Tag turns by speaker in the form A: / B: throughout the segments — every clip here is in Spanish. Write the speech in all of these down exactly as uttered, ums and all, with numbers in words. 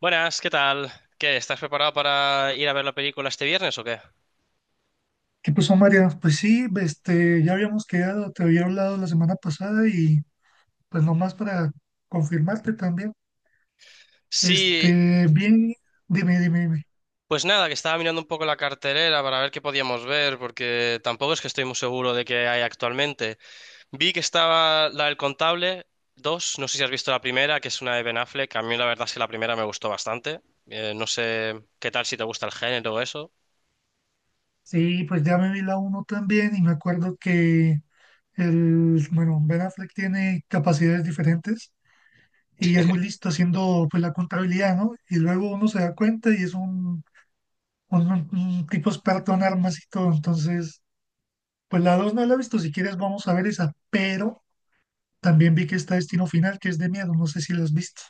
A: Buenas, ¿qué tal? ¿Qué? ¿Estás preparado para ir a ver la película este viernes o qué?
B: ¿Qué pasó, María? Pues sí, este, ya habíamos quedado, te había hablado la semana pasada y pues nomás para confirmarte también.
A: Sí,
B: Este, bien, dime, dime, dime.
A: pues nada, que estaba mirando un poco la cartelera para ver qué podíamos ver, porque tampoco es que estoy muy seguro de qué hay actualmente. Vi que estaba la del Contable dos, no sé si has visto la primera, que es una de Ben Affleck, a mí la verdad es que la primera me gustó bastante. Eh, no sé qué tal si te gusta el género o eso.
B: Sí, pues ya me vi la uno también y me acuerdo que el, bueno, Ben Affleck tiene capacidades diferentes y es muy listo haciendo pues la contabilidad, ¿no? Y luego uno se da cuenta y es un, un, un tipo experto en armas y todo. Entonces, pues la dos no la he visto, si quieres vamos a ver esa, pero... También vi que está Destino Final, que es de miedo, no sé si lo has visto.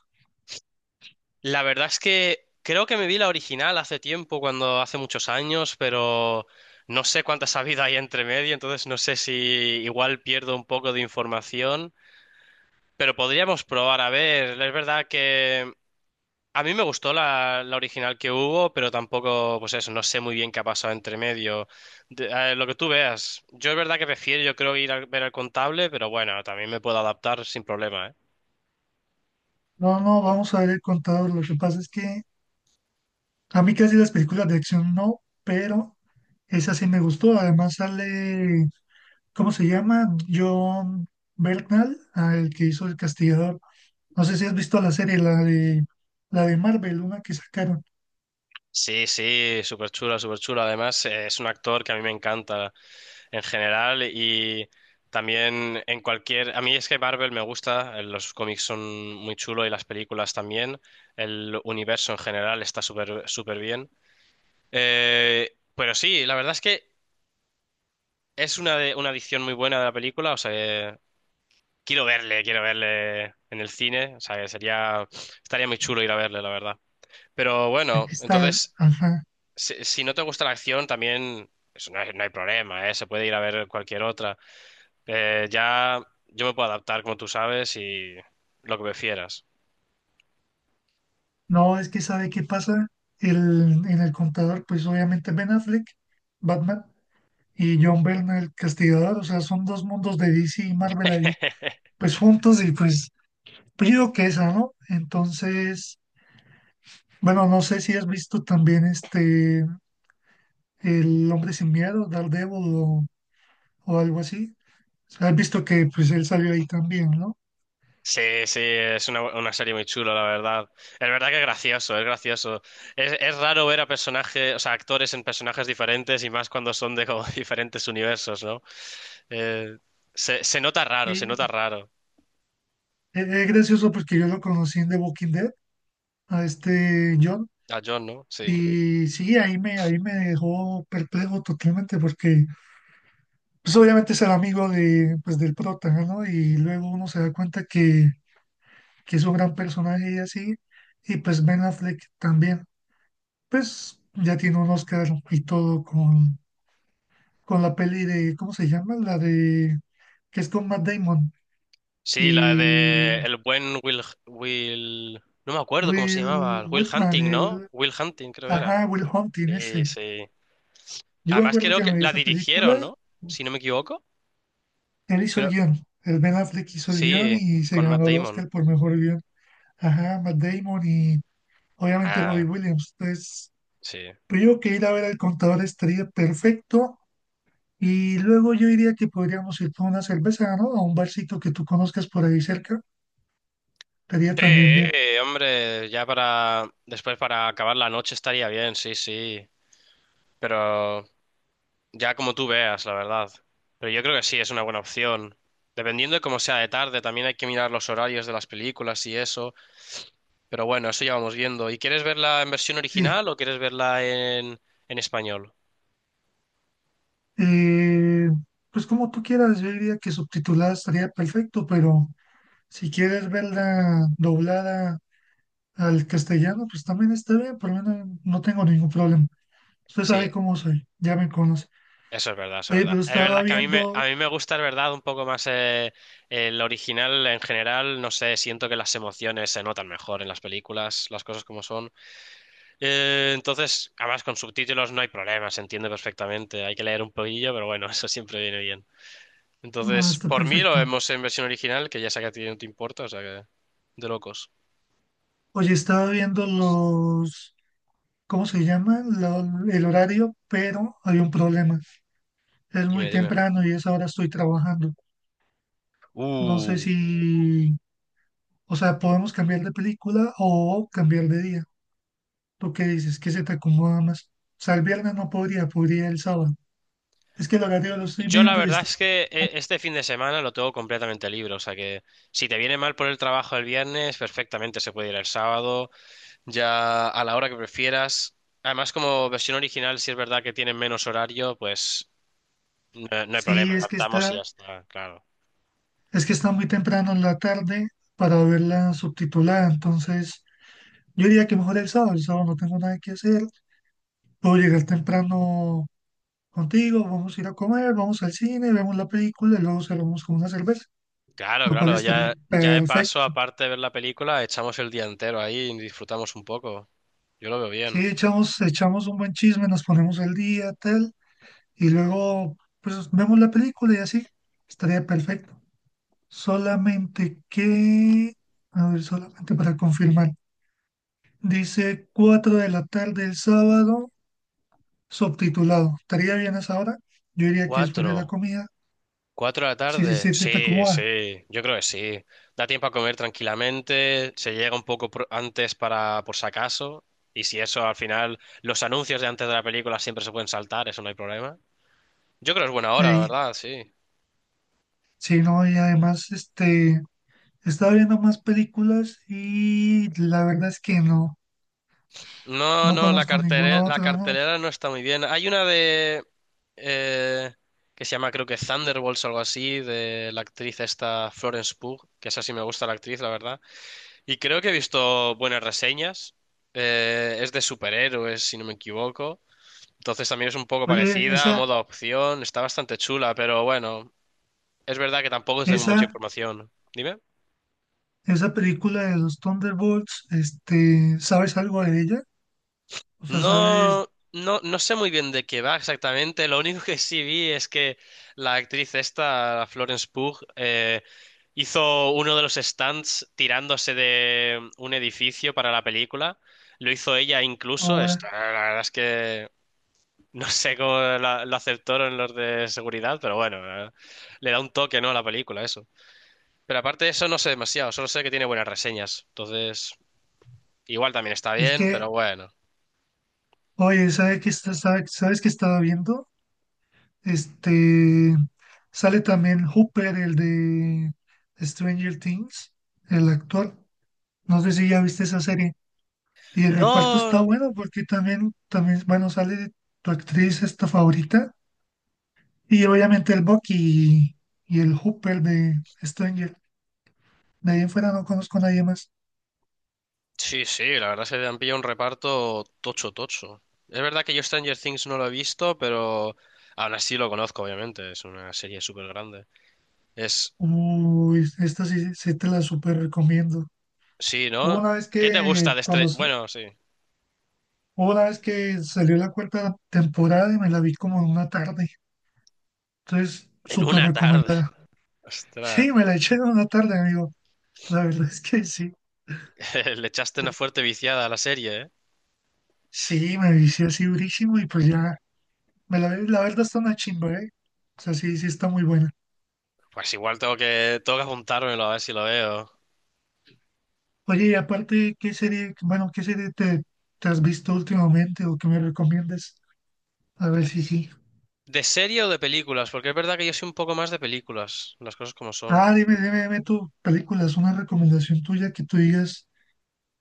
A: La verdad es que creo que me vi la original hace tiempo, cuando hace muchos años, pero no sé cuántas ha habido ahí entre medio, entonces no sé si igual pierdo un poco de información, pero podríamos probar a ver. Es verdad que a mí me gustó la, la original que hubo, pero tampoco, pues eso, no sé muy bien qué ha pasado entre medio. De- eh, lo que tú veas, yo es verdad que prefiero, yo creo ir a ver al contable, pero bueno, también me puedo adaptar sin problema, ¿eh?
B: No, no, vamos a ver el contador. Lo que pasa es que a mí casi las películas de acción no, pero esa sí me gustó. Además sale, ¿cómo se llama? John Bernthal, ah, el que hizo El Castigador. No sé si has visto la serie, la de, la de Marvel, una que sacaron.
A: Sí, sí, súper chula, súper chula. Además, eh, es un actor que a mí me encanta en general y también en cualquier... A mí es que Marvel me gusta, eh, los cómics son muy chulos y las películas también, el universo en general está súper súper bien. Eh, pero sí, la verdad es que es una, de- una edición muy buena de la película, o sea, eh, quiero verle, quiero verle en el cine, o sea, que sería... Estaría muy chulo ir a verle, la verdad. Pero bueno,
B: Está,
A: entonces,
B: ajá.
A: si, si no te gusta la acción, también... eso no hay, no hay problema, ¿eh? Se puede ir a ver cualquier otra. Eh, ya yo me puedo adaptar, como tú sabes, y lo que prefieras.
B: No, es que sabe qué pasa. El, en el contador, pues obviamente Ben Affleck, Batman, y John Byrne, el castigador, o sea, son dos mundos de D C y Marvel ahí, pues juntos y pues pido que esa, ¿no? Entonces, bueno, no sé si has visto también este, El Hombre Sin Miedo, Daredevil o, o algo así. O sea, has visto que pues él salió ahí también, ¿no?
A: Sí, sí, es una, una serie muy chula, la verdad. Es verdad que es gracioso, es gracioso. Es, es raro ver a personajes, o sea, actores en personajes diferentes y más cuando son de como diferentes universos, ¿no? Eh, se, Se nota raro, se nota
B: Y
A: raro.
B: es, es gracioso porque yo lo conocí en The Walking Dead, a este John,
A: A John, ¿no? Sí.
B: y sí, ahí me, ahí me dejó perplejo totalmente porque pues obviamente es el amigo de, pues, del prota, ¿no? Y luego uno se da cuenta que, que es un gran personaje y así, y pues Ben Affleck también, pues ya tiene un Oscar y todo con, con la peli de, ¿cómo se llama? La de, que es con Matt Damon
A: Sí, la
B: y
A: de el buen Will, Will... No me acuerdo cómo se
B: Will
A: llamaba. Will
B: Whitman,
A: Hunting, ¿no?
B: el,
A: Will Hunting, creo era.
B: ajá, Will Hunting
A: Sí,
B: ese.
A: sí.
B: Yo me
A: Además,
B: acuerdo
A: creo
B: que
A: que
B: me vi
A: la
B: esa película,
A: dirigieron, ¿no? Si no me equivoco.
B: él hizo el
A: Creo.
B: guión, el Ben Affleck hizo el guión
A: Sí,
B: y se
A: con
B: ganó
A: Matt
B: el
A: Damon.
B: Oscar por mejor guión. Ajá, Matt Damon y obviamente Robbie
A: Ah,
B: Williams. Entonces,
A: sí.
B: pero yo creo que ir a ver al contador estaría perfecto. Y luego yo diría que podríamos ir por una cerveza, ¿no? A un barcito que tú conozcas por ahí cerca. Estaría
A: Sí,
B: también bien.
A: hombre, ya para. Después para acabar la noche estaría bien, sí, sí. Pero ya como tú veas, la verdad. Pero yo creo que sí, es una buena opción. Dependiendo de cómo sea de tarde, también hay que mirar los horarios de las películas y eso. Pero bueno, eso ya vamos viendo. ¿Y quieres verla en versión
B: Sí.
A: original o quieres verla en, en español?
B: Eh, pues como tú quieras, yo diría que subtitulada estaría perfecto, pero si quieres verla doblada al castellano, pues también está bien. Por lo menos no tengo ningún problema. Usted
A: Sí,
B: sabe cómo soy, ya me conoce.
A: eso es verdad, eso es
B: Oye,
A: verdad.
B: pero
A: Es verdad
B: estaba
A: que a mí me,
B: viendo,
A: a mí me gusta, es verdad, un poco más eh, el original en general. No sé, siento que las emociones se notan mejor en las películas, las cosas como son. Eh, entonces, además con subtítulos no hay problema, se entiende perfectamente. Hay que leer un poquillo, pero bueno, eso siempre viene bien.
B: no,
A: Entonces,
B: está
A: por mí lo
B: perfecto.
A: vemos en versión original, que ya sé que a ti no te importa, o sea que de locos.
B: Oye, estaba viendo los, ¿cómo se llama? Lo- el horario, pero hay un problema. Es muy
A: Dime, dime.
B: temprano y a esa hora estoy trabajando. No sé
A: Uh.
B: si, o sea, podemos cambiar de película o cambiar de día. ¿Tú qué dices? ¿Qué se te acomoda más? O sea, el viernes no podría, podría el sábado. Es que el horario lo estoy
A: Yo la
B: viendo y
A: verdad
B: está.
A: es que eh, este fin de semana lo tengo completamente libre, o sea que si te viene mal por el trabajo el viernes, perfectamente se puede ir el sábado, ya a la hora que prefieras. Además, como versión original, si es verdad que tienen menos horario, pues no, no hay problema,
B: Sí, es que
A: adaptamos y
B: está,
A: ya está, claro.
B: es que está muy temprano en la tarde para verla subtitulada. Entonces, yo diría que mejor el sábado. El sábado no tengo nada que hacer. Puedo llegar temprano contigo, vamos a ir a comer, vamos al cine, vemos la película y luego cerramos con una cerveza,
A: Claro,
B: lo cual
A: claro,
B: estaría
A: ya, ya de paso,
B: perfecto.
A: aparte de ver la película, echamos el día entero ahí y disfrutamos un poco. Yo lo veo bien.
B: Sí, echamos, echamos un buen chisme, nos ponemos al día, tal, y luego pues vemos la película y así, estaría perfecto. Solamente que, a ver, solamente para confirmar, dice cuatro de la tarde el sábado, subtitulado. ¿Estaría bien a esa hora? Yo diría que después de la
A: Cuatro.
B: comida,
A: ¿Cuatro de la
B: sí, sí,
A: tarde?
B: sí, se te
A: Sí,
B: acomoda.
A: sí, yo creo que sí. Da tiempo a comer tranquilamente, se llega un poco pro- antes para por si acaso, y si eso al final, los anuncios de antes de la película siempre se pueden saltar, eso no hay problema. Yo creo que es buena hora, la
B: Ahí.
A: verdad, sí.
B: Sí, no, y además, este... Estaba viendo más películas y la verdad es que no,
A: No,
B: no
A: no, la
B: conozco ninguna
A: cartelera, la
B: otra, ¿no?
A: cartelera no está muy bien. Hay una de... eh, que se llama creo que Thunderbolts o algo así, de la actriz esta Florence Pugh, que esa sí me gusta la actriz, la verdad. Y creo que he visto buenas reseñas. Eh, es de superhéroes, si no me equivoco. Entonces también es un poco
B: Oye,
A: parecida,
B: esa,
A: modo opción. Está bastante chula, pero bueno, es verdad que tampoco tengo mucha
B: esa,
A: información. Dime.
B: esa película de los Thunderbolts, este, ¿sabes algo de ella? O sea, ¿sabes
A: No, no, no sé muy bien de qué va exactamente. Lo único que sí vi es que la actriz esta, la Florence Pugh, eh, hizo uno de los stunts tirándose de un edificio para la película. Lo hizo ella incluso.
B: ahora?
A: Está- la verdad es que no sé cómo la- lo aceptaron los de seguridad, pero bueno, eh, le da un toque, ¿no? a la película, eso. Pero aparte de eso, no sé demasiado, solo sé que tiene buenas reseñas. Entonces, igual también está
B: Es
A: bien, pero
B: que,
A: bueno.
B: oye, ¿sabes que está, sabe- sabes que estaba viendo? Este, sale también Hooper, el de Stranger Things, el actor. No sé si ya viste esa serie. Y el reparto está
A: No.
B: bueno porque también, también, bueno, sale tu actriz esta favorita y obviamente el Bucky y, y el Hooper de Stranger. De ahí en fuera no conozco a nadie más.
A: Sí, sí, la verdad se han pillado un reparto tocho, tocho. Es verdad que yo Stranger Things no lo he visto, pero aún así lo conozco, obviamente. Es una serie súper grande. Es.
B: Uy, esta sí, sí te la súper recomiendo.
A: Sí,
B: Hubo
A: ¿no?
B: una vez
A: ¿Qué te
B: que
A: gusta de
B: cuando
A: este...?
B: sa-
A: Bueno, sí.
B: Hubo una vez que salió la cuarta temporada y me la vi como en una tarde. Entonces,
A: En
B: súper
A: una tarde.
B: recomendada. Sí,
A: Ostras,
B: me la eché en una tarde, amigo. La verdad es que sí.
A: le echaste una fuerte viciada a la serie, ¿eh?
B: Sí, me vicié así durísimo y pues ya. Me la, la verdad está una chimba, ¿eh? O sea, sí, sí está muy buena.
A: Pues igual tengo que, tengo que apuntármelo a ver si lo veo.
B: Oye, y aparte, ¿qué serie, bueno, qué serie te, te has visto últimamente o que me recomiendes? A ver si sí.
A: ¿De serie o de películas? Porque es verdad que yo soy un poco más de películas, las cosas como
B: Ah,
A: son.
B: dime, dime, dime tú, películas, una recomendación tuya que tú digas,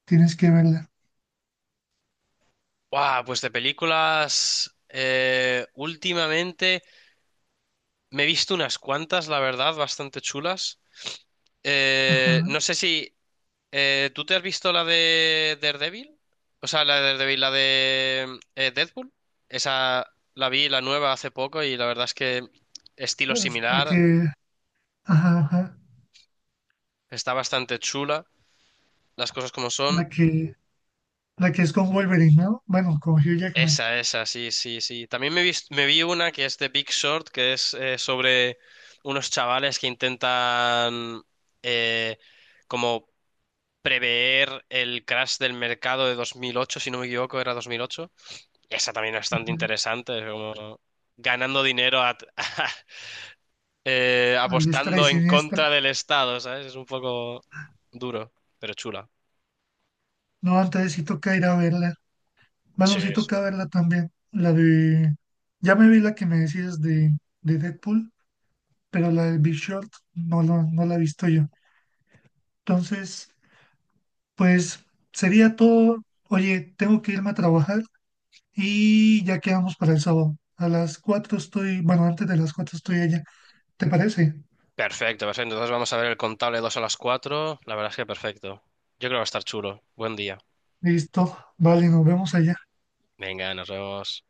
B: tienes que verla.
A: ¡Guau! Pues de películas. Eh, últimamente me he visto unas cuantas, la verdad, bastante chulas.
B: Ajá.
A: Eh, no sé si. Eh, ¿tú te has visto la de Daredevil? O sea, la de Daredevil, la de eh, Deadpool. Esa la vi, la nueva, hace poco y la verdad es que estilo
B: Es la
A: similar,
B: que, ajá, ajá.
A: está bastante chula, las cosas como
B: La
A: son.
B: que, la que es con Wolverine, ¿no? Bueno, con Hugh Jackman.
A: Esa, esa, sí, sí, sí. También me vi, me vi una que es de Big Short, que es eh, sobre unos chavales que intentan eh, como prever el crash del mercado de dos mil ocho, si no me equivoco, era dos mil ocho. Esa también es bastante
B: Ajá.
A: interesante, es como ganando dinero a- eh,
B: A diestra y
A: apostando en
B: siniestra.
A: contra del Estado, ¿sabes? Es un poco duro, pero chula.
B: No, entonces sí toca ir a verla.
A: Sí,
B: Baloncito
A: sí.
B: toca verla también. La de. Ya me vi la que me decías de, de Deadpool, pero la de Big Short no, la- no la he visto yo. Entonces, pues sería todo. Oye, tengo que irme a trabajar y ya quedamos para el sábado. A las cuatro estoy. Bueno, antes de las cuatro estoy allá. ¿Te parece?
A: Perfecto, perfecto. Entonces vamos a ver el contable dos a las cuatro. La verdad es que perfecto. Yo creo que va a estar chulo. Buen día.
B: Listo. Vale, nos vemos allá.
A: Venga, nos vemos.